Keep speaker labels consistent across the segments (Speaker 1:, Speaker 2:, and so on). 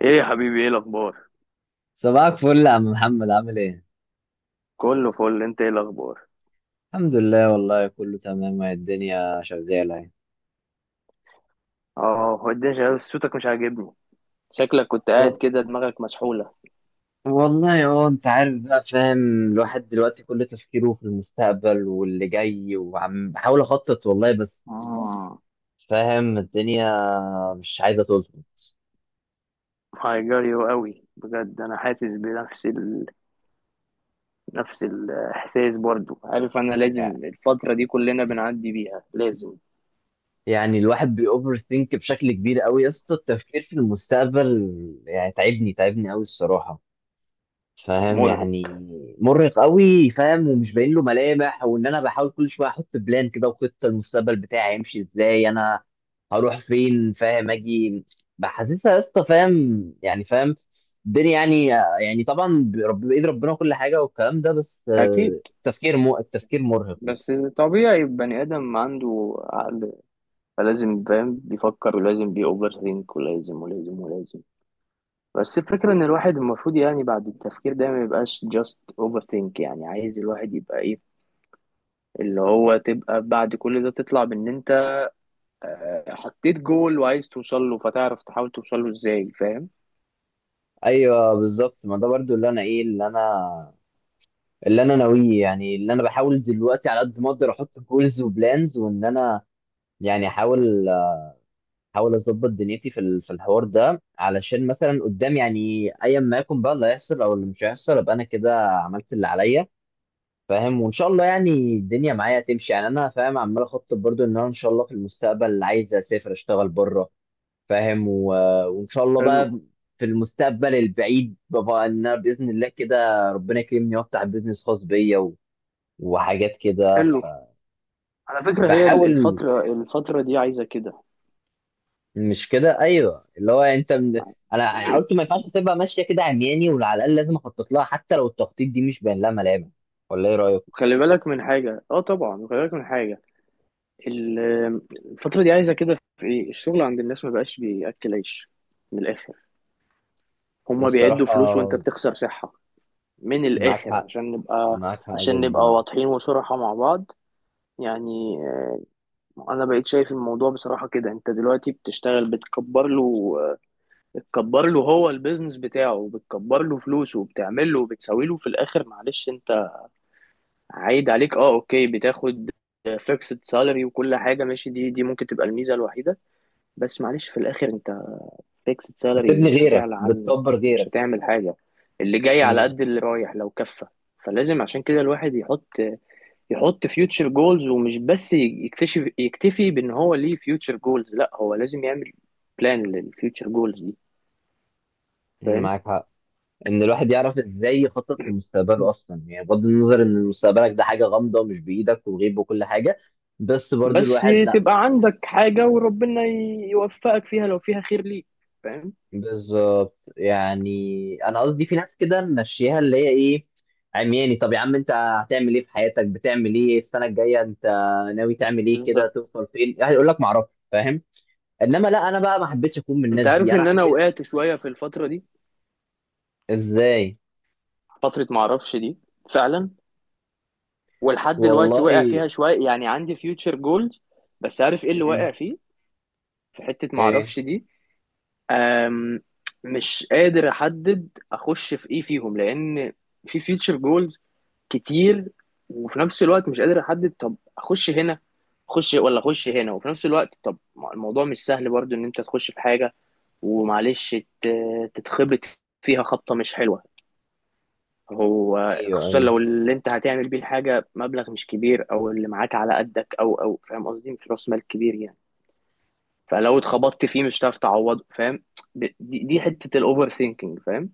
Speaker 1: ايه يا حبيبي ايه الاخبار.
Speaker 2: صباحك فل يا عم محمد، عامل ايه؟
Speaker 1: كله فل، انت ايه الاخبار؟
Speaker 2: الحمد لله والله كله تمام، وهي الدنيا شغالة يعني.
Speaker 1: اه، هو الدنيا شغالة، بس صوتك مش عاجبني. شكلك كنت قاعد
Speaker 2: و-
Speaker 1: كده دماغك مسحولة.
Speaker 2: والله اه، انت عارف بقى، فاهم. الواحد دلوقتي كل تفكيره في المستقبل واللي جاي، وعم بحاول اخطط والله، بس
Speaker 1: امم
Speaker 2: فاهم الدنيا مش عايزة تظبط.
Speaker 1: هيجري قوي بجد، انا حاسس بنفس ال... نفس الاحساس برضو. عارف أنا لازم
Speaker 2: يعني
Speaker 1: الفترة دي كلنا بنعدي بيها، لازم.
Speaker 2: يعني الواحد بيأوفر ثينك بشكل كبير قوي يا اسطى، التفكير في المستقبل يعني تعبني قوي الصراحة، فاهم
Speaker 1: مرهق.
Speaker 2: يعني. مرهق قوي فاهم، ومش باين له ملامح، وان انا بحاول كل شويه احط بلان كده، وخطه المستقبل بتاعي هيمشي ازاي، انا هروح فين، فاهم اجي بحسسها يا اسطى، فاهم يعني، فاهم الدنيا يعني. يعني طبعا بايد ربنا كل حاجه والكلام ده، بس
Speaker 1: أكيد.
Speaker 2: آه، التفكير مرهق يا اسطى.
Speaker 1: بس طبيعي، بني آدم عنده عقل، فلازم فاهم بيفكر، ولازم بيأوفر ثينك، ولازم ولازم ولازم. بس الفكرة إن الواحد المفروض يعني بعد التفكير ده ما يبقاش just overthink. يعني عايز الواحد يبقى إيه، اللي هو تبقى بعد كل ده تطلع بإن أنت آه، حطيت جول وعايز توصل له، فتعرف تحاول توصل له إزاي، فاهم؟
Speaker 2: ايوه بالظبط، ما ده برضو اللي انا اللي انا ناويه، يعني اللي انا بحاول دلوقتي على قد ما اقدر، احط جولز وبلانز وان انا يعني احاول اظبط دنيتي في الحوار ده، علشان مثلا قدام يعني ايا ما يكون بقى اللي هيحصل او اللي مش هيحصل، ابقى انا كده عملت اللي عليا، فاهم. وان شاء الله يعني الدنيا معايا تمشي، يعني انا فاهم عمال اخطط، برضو ان انا ان شاء الله في المستقبل عايز اسافر اشتغل بره فاهم و... وان شاء الله
Speaker 1: حلو.
Speaker 2: بقى في المستقبل البعيد، بقى ان انا باذن الله كده ربنا يكرمني وافتح بيزنس خاص بيا و... وحاجات كده.
Speaker 1: حلو. على فكرة هي
Speaker 2: فبحاول
Speaker 1: الفترة الفترة دي عايزة كده.
Speaker 2: مش كده، ايوه اللي هو انا قلت ما ينفعش اسيبها ماشيه كده عمياني، وعلى الاقل لازم اخطط لها، حتى لو التخطيط دي مش باين لها ملامح، ولا ايه رايك؟
Speaker 1: خلي بالك من حاجة، اه طبعا خلي بالك من حاجة. ال- الفترة دي عايزة كده في إيه، الشغل عند الناس ما بقاش بيأكل عيش. من الآخر، هما بيعدوا فلوس وأنت
Speaker 2: الصراحه
Speaker 1: بتخسر صحة. من
Speaker 2: معاك
Speaker 1: الآخر
Speaker 2: حق،
Speaker 1: عشان نبقى.
Speaker 2: معاك حق
Speaker 1: عشان نبقى
Speaker 2: جدا،
Speaker 1: واضحين وصراحة مع بعض، يعني آه، أنا بقيت شايف الموضوع بصراحة كده. أنت دلوقتي بتشتغل بتكبر له آه، بتكبر له، هو البيزنس بتاعه بتكبر له فلوسه وبتعمل له وبتسوي له. في الآخر معلش أنت عايد عليك أه، أوكي، بتاخد فيكسد سالري وكل حاجة، ماشي، دي ممكن تبقى الميزة الوحيدة. بس معلش في الآخر أنت فيكسد سالري
Speaker 2: بتبني
Speaker 1: مش
Speaker 2: غيرك
Speaker 1: هتعلى عنه.
Speaker 2: بتكبر
Speaker 1: مش
Speaker 2: غيرك.
Speaker 1: هتعمل حاجة. اللي جاي على
Speaker 2: مم.
Speaker 1: قد اللي رايح لو كفى. فلازم عشان كده الواحد يحط، يحط فيوتشر جولز، ومش بس يكتشف يكتفي بان هو ليه فيوتشر جولز، لا هو لازم يعمل بلان للفيوتشر جولز دي، فاهم.
Speaker 2: معاك حق ان الواحد يعرف ازاي يخطط في مستقبله اصلا، يعني بغض النظر ان مستقبلك ده حاجه غامضه ومش بايدك وغيب وكل حاجه، بس برضو
Speaker 1: بس
Speaker 2: الواحد
Speaker 1: تبقى عندك حاجة وربنا يوفقك فيها لو فيها خير ليك، فاهم.
Speaker 2: بالظبط يعني. انا قصدي في ناس كده ماشيها، اللي هي ايه عمياني، طب يا عم انت هتعمل ايه في حياتك؟ بتعمل ايه السنه الجايه؟ انت ناوي تعمل ايه كده؟
Speaker 1: بالظبط.
Speaker 2: توصل فين؟ هيقول لك ما اعرفش، فاهم. انما لا، انا بقى ما حبيتش اكون من
Speaker 1: انت
Speaker 2: الناس دي،
Speaker 1: عارف
Speaker 2: انا
Speaker 1: ان انا
Speaker 2: حبيت
Speaker 1: وقعت شوية في الفترة دي.
Speaker 2: ازاي
Speaker 1: فترة معرفش دي، فعلا. ولحد دلوقتي واقع
Speaker 2: والله.
Speaker 1: فيها شوية. يعني عندي فيوتشر جولز، بس عارف ايه اللي واقع
Speaker 2: مم.
Speaker 1: فيه؟ في حتة
Speaker 2: ايه.
Speaker 1: معرفش دي. أم، مش قادر احدد اخش في ايه فيهم، لان في فيوتشر جولز كتير، وفي نفس الوقت مش قادر احدد طب اخش هنا، اخش ولا اخش هنا. وفي نفس الوقت طب ما الموضوع مش سهل برضو، ان انت تخش في حاجة ومعلش تتخبط فيها خبطة مش حلوة. هو
Speaker 2: ايوه
Speaker 1: خصوصا
Speaker 2: ايوه
Speaker 1: لو اللي انت هتعمل بيه الحاجة مبلغ مش كبير، او اللي معاك على قدك، او او فاهم قصدي، مش راس مال كبير يعني. فلو اتخبطت فيه مش هتعرف تعوضه، فاهم. دي حتة الاوفر ثينكينج، فاهم.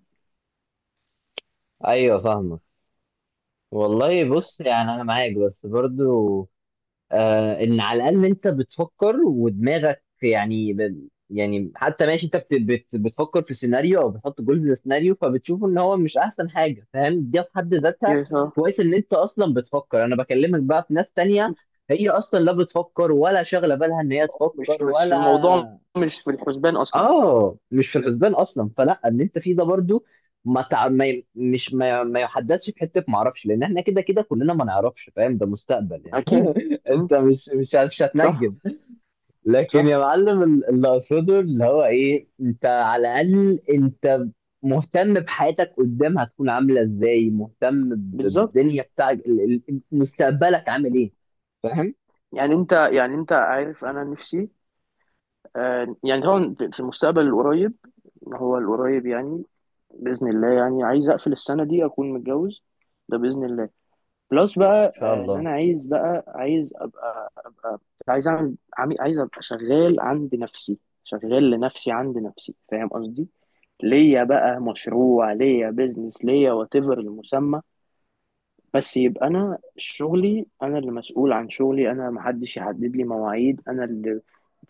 Speaker 2: ايوه فاهمك. والله بص يعني انا معاك، بس برضو آه، ان على الاقل انت بتفكر ودماغك يعني ب... يعني حتى ماشي، انت بتفكر في سيناريو او بتحط جزء للسيناريو، فبتشوف ان هو مش احسن حاجه، فاهم، دي في حد ذاتها.
Speaker 1: يعني صح.
Speaker 2: كويس ان انت اصلا بتفكر، انا بكلمك بقى في ناس تانية، هي اصلا لا بتفكر ولا شاغله بالها ان هي
Speaker 1: مش
Speaker 2: تفكر
Speaker 1: مش
Speaker 2: ولا.
Speaker 1: الموضوع، مش في الحسبان اصلا.
Speaker 2: اه، مش في الحسبان اصلا، فلا ان انت فيه ده برضو ما تع... ما ي... مش ما, ي... ما يحددش في حته ما اعرفش، لان احنا كده كده كلنا ما نعرفش فاهم، ده مستقبل يعني.
Speaker 1: اكيد. مم.
Speaker 2: انت مش
Speaker 1: صح.
Speaker 2: هتنجم. لكن يا
Speaker 1: صح.
Speaker 2: معلم اللي اقصده اللي هو ايه، انت على الاقل انت مهتم بحياتك قدام هتكون عامله ازاي، مهتم
Speaker 1: بالظبط.
Speaker 2: بالدنيا بتاعك مستقبلك عامل ايه، فاهم ان
Speaker 1: يعني انت، يعني انت عارف انا نفسي آه، يعني طبعا في المستقبل القريب، هو القريب يعني باذن الله، يعني عايز اقفل السنه دي اكون متجوز، ده باذن الله. بلس بقى
Speaker 2: شاء
Speaker 1: آه، ان
Speaker 2: الله
Speaker 1: انا عايز بقى، عايز ابقى ابقى، عايز اعمل عايز ابقى شغال عند نفسي، شغال لنفسي عند نفسي، فاهم قصدي. ليا بقى مشروع، ليا بيزنس ليا، وات ايفر المسمى. بس يبقى انا شغلي، انا اللي مسؤول عن شغلي، انا محدش يحدد لي مواعيد، انا اللي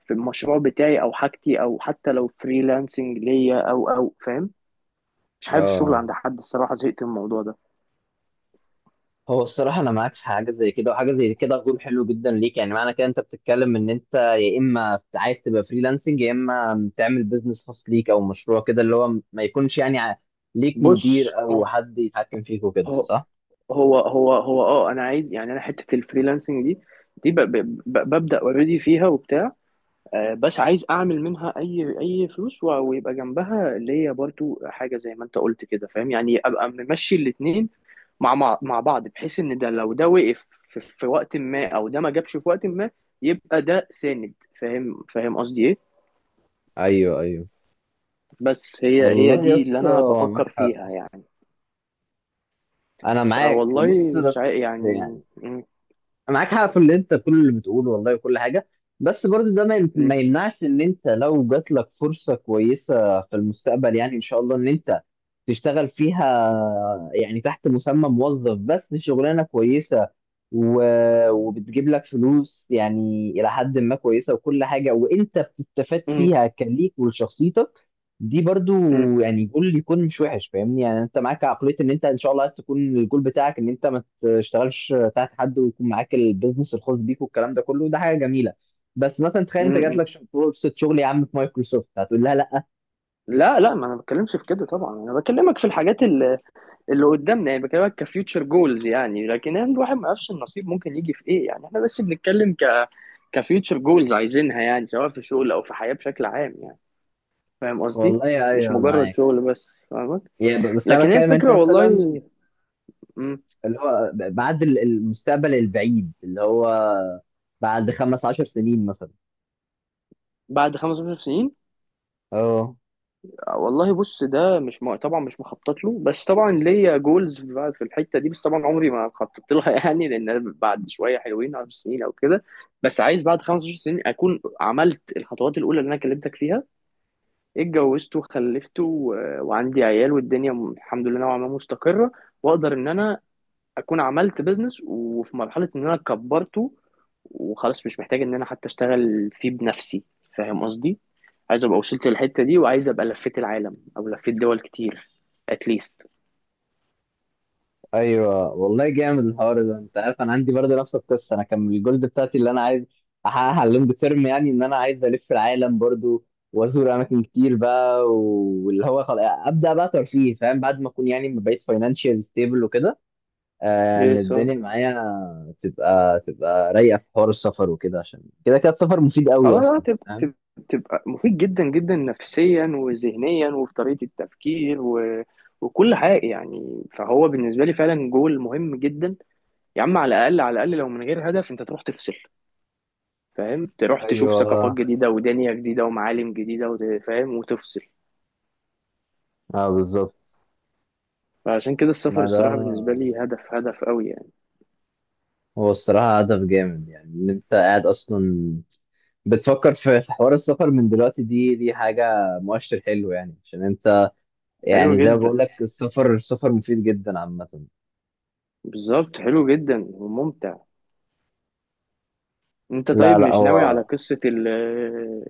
Speaker 1: في المشروع بتاعي او حاجتي، او حتى لو فريلانسنج ليا، او او فاهم. مش حابب الشغل
Speaker 2: اه.
Speaker 1: عند حد الصراحة، زهقت من الموضوع ده.
Speaker 2: هو الصراحة أنا معاك في حاجة زي كده، وحاجة زي كده غول حلو جدا ليك، يعني معنى كده أنت بتتكلم إن أنت يا إما عايز تبقى فريلانسنج، يا إما تعمل بيزنس خاص ليك أو مشروع كده، اللي هو ما يكونش يعني ليك
Speaker 1: بص،
Speaker 2: مدير أو حد يتحكم فيك وكده،
Speaker 1: هو
Speaker 2: صح؟
Speaker 1: هو اه انا عايز، يعني انا حته الفريلانسنج دي، دي ببدا اوريدي فيها وبتاع آه، بس عايز اعمل منها اي فلوس، ويبقى جنبها اللي هي برضو حاجه زي ما انت قلت كده، فاهم. يعني ابقى ممشي الاتنين مع بعض، بحيث ان ده لو ده وقف في وقت ما، او ده ما جابش في وقت ما، يبقى ده ساند، فاهم. فاهم قصدي ايه.
Speaker 2: ايوه ايوه
Speaker 1: بس هي، هي
Speaker 2: والله يا
Speaker 1: دي اللي
Speaker 2: اسطى،
Speaker 1: انا
Speaker 2: معاك
Speaker 1: بفكر
Speaker 2: حق.
Speaker 1: فيها يعني.
Speaker 2: أنا معاك بص
Speaker 1: فوالله مش عا-
Speaker 2: بس
Speaker 1: يعني
Speaker 2: يعني
Speaker 1: م-
Speaker 2: معاك حق في اللي انت كل اللي بتقوله والله وكل حاجه، بس برضه ده
Speaker 1: م-
Speaker 2: ما يمنعش ان انت لو جات لك فرصه كويسه في المستقبل، يعني ان شاء الله ان انت تشتغل فيها، يعني تحت مسمى موظف بس شغلانه كويسه وبتجيب لك فلوس يعني الى حد ما كويسه وكل حاجه، وانت بتستفاد
Speaker 1: م-
Speaker 2: فيها كليك ولشخصيتك، دي برضو
Speaker 1: م-
Speaker 2: يعني جول يكون مش وحش، فاهمني. يعني انت معاك عقليه ان انت ان شاء الله عايز تكون الجول بتاعك ان انت ما تشتغلش تحت حد، ويكون معاك البيزنس الخاص بيك والكلام ده كله، ده حاجه جميله. بس مثلا تخيل
Speaker 1: م-
Speaker 2: انت جات
Speaker 1: م.
Speaker 2: لك فرصه شغل يا عم في مايكروسوفت، هتقول لها لا؟
Speaker 1: لا لا، ما انا بتكلمش في كده طبعا. انا بكلمك في الحاجات اللي قدامنا، يعني بكلمك كفيوتشر جولز. يعني لكن يعني الواحد ما يعرفش النصيب ممكن يجي في ايه، يعني احنا بس بنتكلم كفيوتشر جولز عايزينها، يعني سواء في شغل او في حياة بشكل عام يعني، فاهم قصدي.
Speaker 2: والله يا
Speaker 1: مش
Speaker 2: ايوه
Speaker 1: مجرد
Speaker 2: معاك،
Speaker 1: شغل بس، فاهمك.
Speaker 2: يا بس انا
Speaker 1: لكن هي
Speaker 2: بتكلم انت
Speaker 1: الفكرة والله
Speaker 2: مثلا
Speaker 1: م،
Speaker 2: اللي هو بعد المستقبل البعيد، اللي هو بعد خمس عشر سنين مثلا
Speaker 1: بعد 15 سنين.
Speaker 2: اه.
Speaker 1: والله بص، ده مش طبعا مش مخطط له. بس طبعا ليا جولز بقى في الحته دي، بس طبعا عمري ما خططت لها يعني لان أنا بعد شويه حلوين 10 سنين او كده، بس عايز بعد 15 سنين اكون عملت الخطوات الاولى اللي انا كلمتك فيها، اتجوزت وخلفت و... وعندي عيال، والدنيا الحمد لله نوعا ما مستقره، واقدر ان انا اكون عملت بيزنس وفي مرحله ان انا كبرته، وخلاص مش محتاج ان انا حتى اشتغل فيه بنفسي، فاهم قصدي. عايز ابقى وصلت للحته دي، وعايز ابقى لفيت العالم او لفيت دول كتير اتليست.
Speaker 2: ايوه والله جامد الحوار ده، انت عارف انا عندي برضه نفس القصه، انا كان الجولد بتاعتي اللي انا عايز احققها اللونج تيرم، يعني ان انا عايز الف العالم برضه وازور اماكن كتير بقى، واللي هو ابدا بقى ترفيه فاهم، بعد ما اكون يعني ما بقيت فاينانشال ستيبل وكده، آه، ان
Speaker 1: يس اه.
Speaker 2: الدنيا معايا تبقى رايقه في حوار السفر وكده، عشان كده السفر مفيد قوي
Speaker 1: خلاص آه،
Speaker 2: اصلا فاهم.
Speaker 1: تبقى مفيد جدا جدا نفسيا وذهنيا وفي طريقه التفكير و... وكل حاجه يعني. فهو بالنسبه لي فعلا جول مهم جدا. يا عم على الاقل، على الاقل لو من غير هدف انت تروح تفصل، فاهم، تروح تشوف
Speaker 2: ايوه
Speaker 1: ثقافات جديدة ودنيا جديدة ومعالم جديدة فاهم وتفصل.
Speaker 2: اه بالظبط،
Speaker 1: فعشان كده
Speaker 2: ما
Speaker 1: السفر
Speaker 2: ده
Speaker 1: الصراحة بالنسبة لي هدف، هدف قوي يعني.
Speaker 2: هو الصراحة هدف جامد، يعني إن أنت قاعد أصلا بتفكر في حوار السفر من دلوقتي، دي حاجة مؤشر حلو، يعني عشان أنت
Speaker 1: حلو
Speaker 2: يعني زي ما
Speaker 1: جدا.
Speaker 2: بقول لك السفر مفيد جدا عامة.
Speaker 1: بالظبط، حلو جدا وممتع. انت
Speaker 2: لا
Speaker 1: طيب
Speaker 2: لا،
Speaker 1: مش ناوي على
Speaker 2: هو
Speaker 1: قصة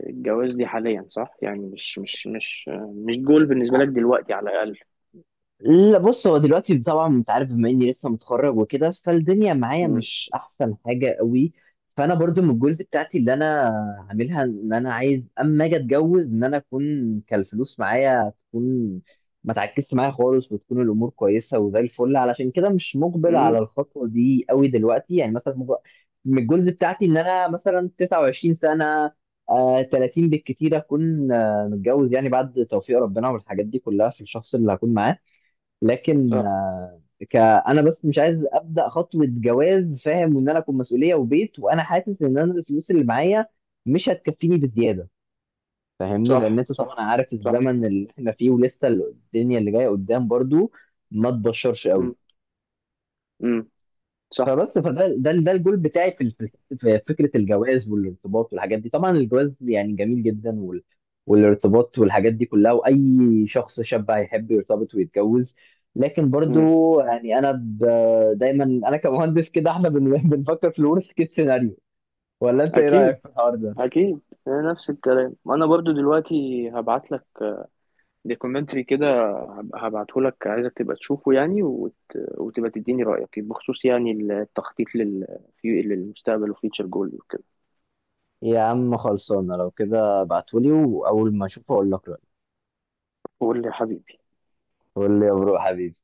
Speaker 1: الجواز دي حاليا، صح؟ يعني مش مش مش مش جول بالنسبة لك دلوقتي على الأقل.
Speaker 2: لا، بص هو دلوقتي طبعا انت عارف بما اني لسه متخرج وكده، فالدنيا معايا
Speaker 1: امم.
Speaker 2: مش احسن حاجه قوي، فانا برضو من الجزء بتاعتي اللي انا عاملها ان انا عايز اما اجي اتجوز ان انا اكون كالفلوس معايا تكون ما تعكسش معايا خالص، وتكون الامور كويسه وزي الفل، علشان كده مش مقبل على
Speaker 1: امم.
Speaker 2: الخطوه دي قوي دلوقتي، يعني مثلا من الجزء بتاعتي ان انا مثلا 29 سنه، آه 30 بالكتير اكون آه متجوز، يعني بعد توفيق ربنا والحاجات دي كلها في الشخص اللي هكون معاه. لكن
Speaker 1: صح.
Speaker 2: آه، ك انا بس مش عايز ابدا خطوه جواز فاهم، وان انا اكون مسؤوليه وبيت، وانا حاسس ان انا الفلوس اللي معايا مش هتكفيني بزياده فاهمني، لان
Speaker 1: صح.
Speaker 2: انت طبعا
Speaker 1: صح.
Speaker 2: عارف
Speaker 1: صح.
Speaker 2: الزمن اللي احنا فيه، ولسه الدنيا اللي جايه قدام برضو ما تبشرش قوي.
Speaker 1: امم. امم. صح.
Speaker 2: فبس فده ده ده الجول بتاعي في فكره الجواز والارتباط والحاجات دي، طبعا الجواز يعني جميل جدا وال والارتباط والحاجات دي كلها، واي شخص شاب هيحب يرتبط ويتجوز، لكن برضو
Speaker 1: امم.
Speaker 2: يعني انا ب... دايما انا كمهندس كده احنا بن... بنفكر في الورست كيس سيناريو، ولا انت ايه
Speaker 1: اكيد.
Speaker 2: رايك في الحوار ده؟
Speaker 1: اكيد. نفس الكلام انا برضو. دلوقتي هبعت لك دي كومنتري كده، هبعتهولك، عايزك تبقى تشوفه يعني وت... وتبقى تديني رأيك بخصوص يعني التخطيط لل... للمستقبل وفيوتشر جول وكده.
Speaker 2: يا عم خلصانه لو كده ابعتولي، واول ما اشوفه اقول لك رايي.
Speaker 1: قول لي يا حبيبي.
Speaker 2: قول لي يا برو حبيبي.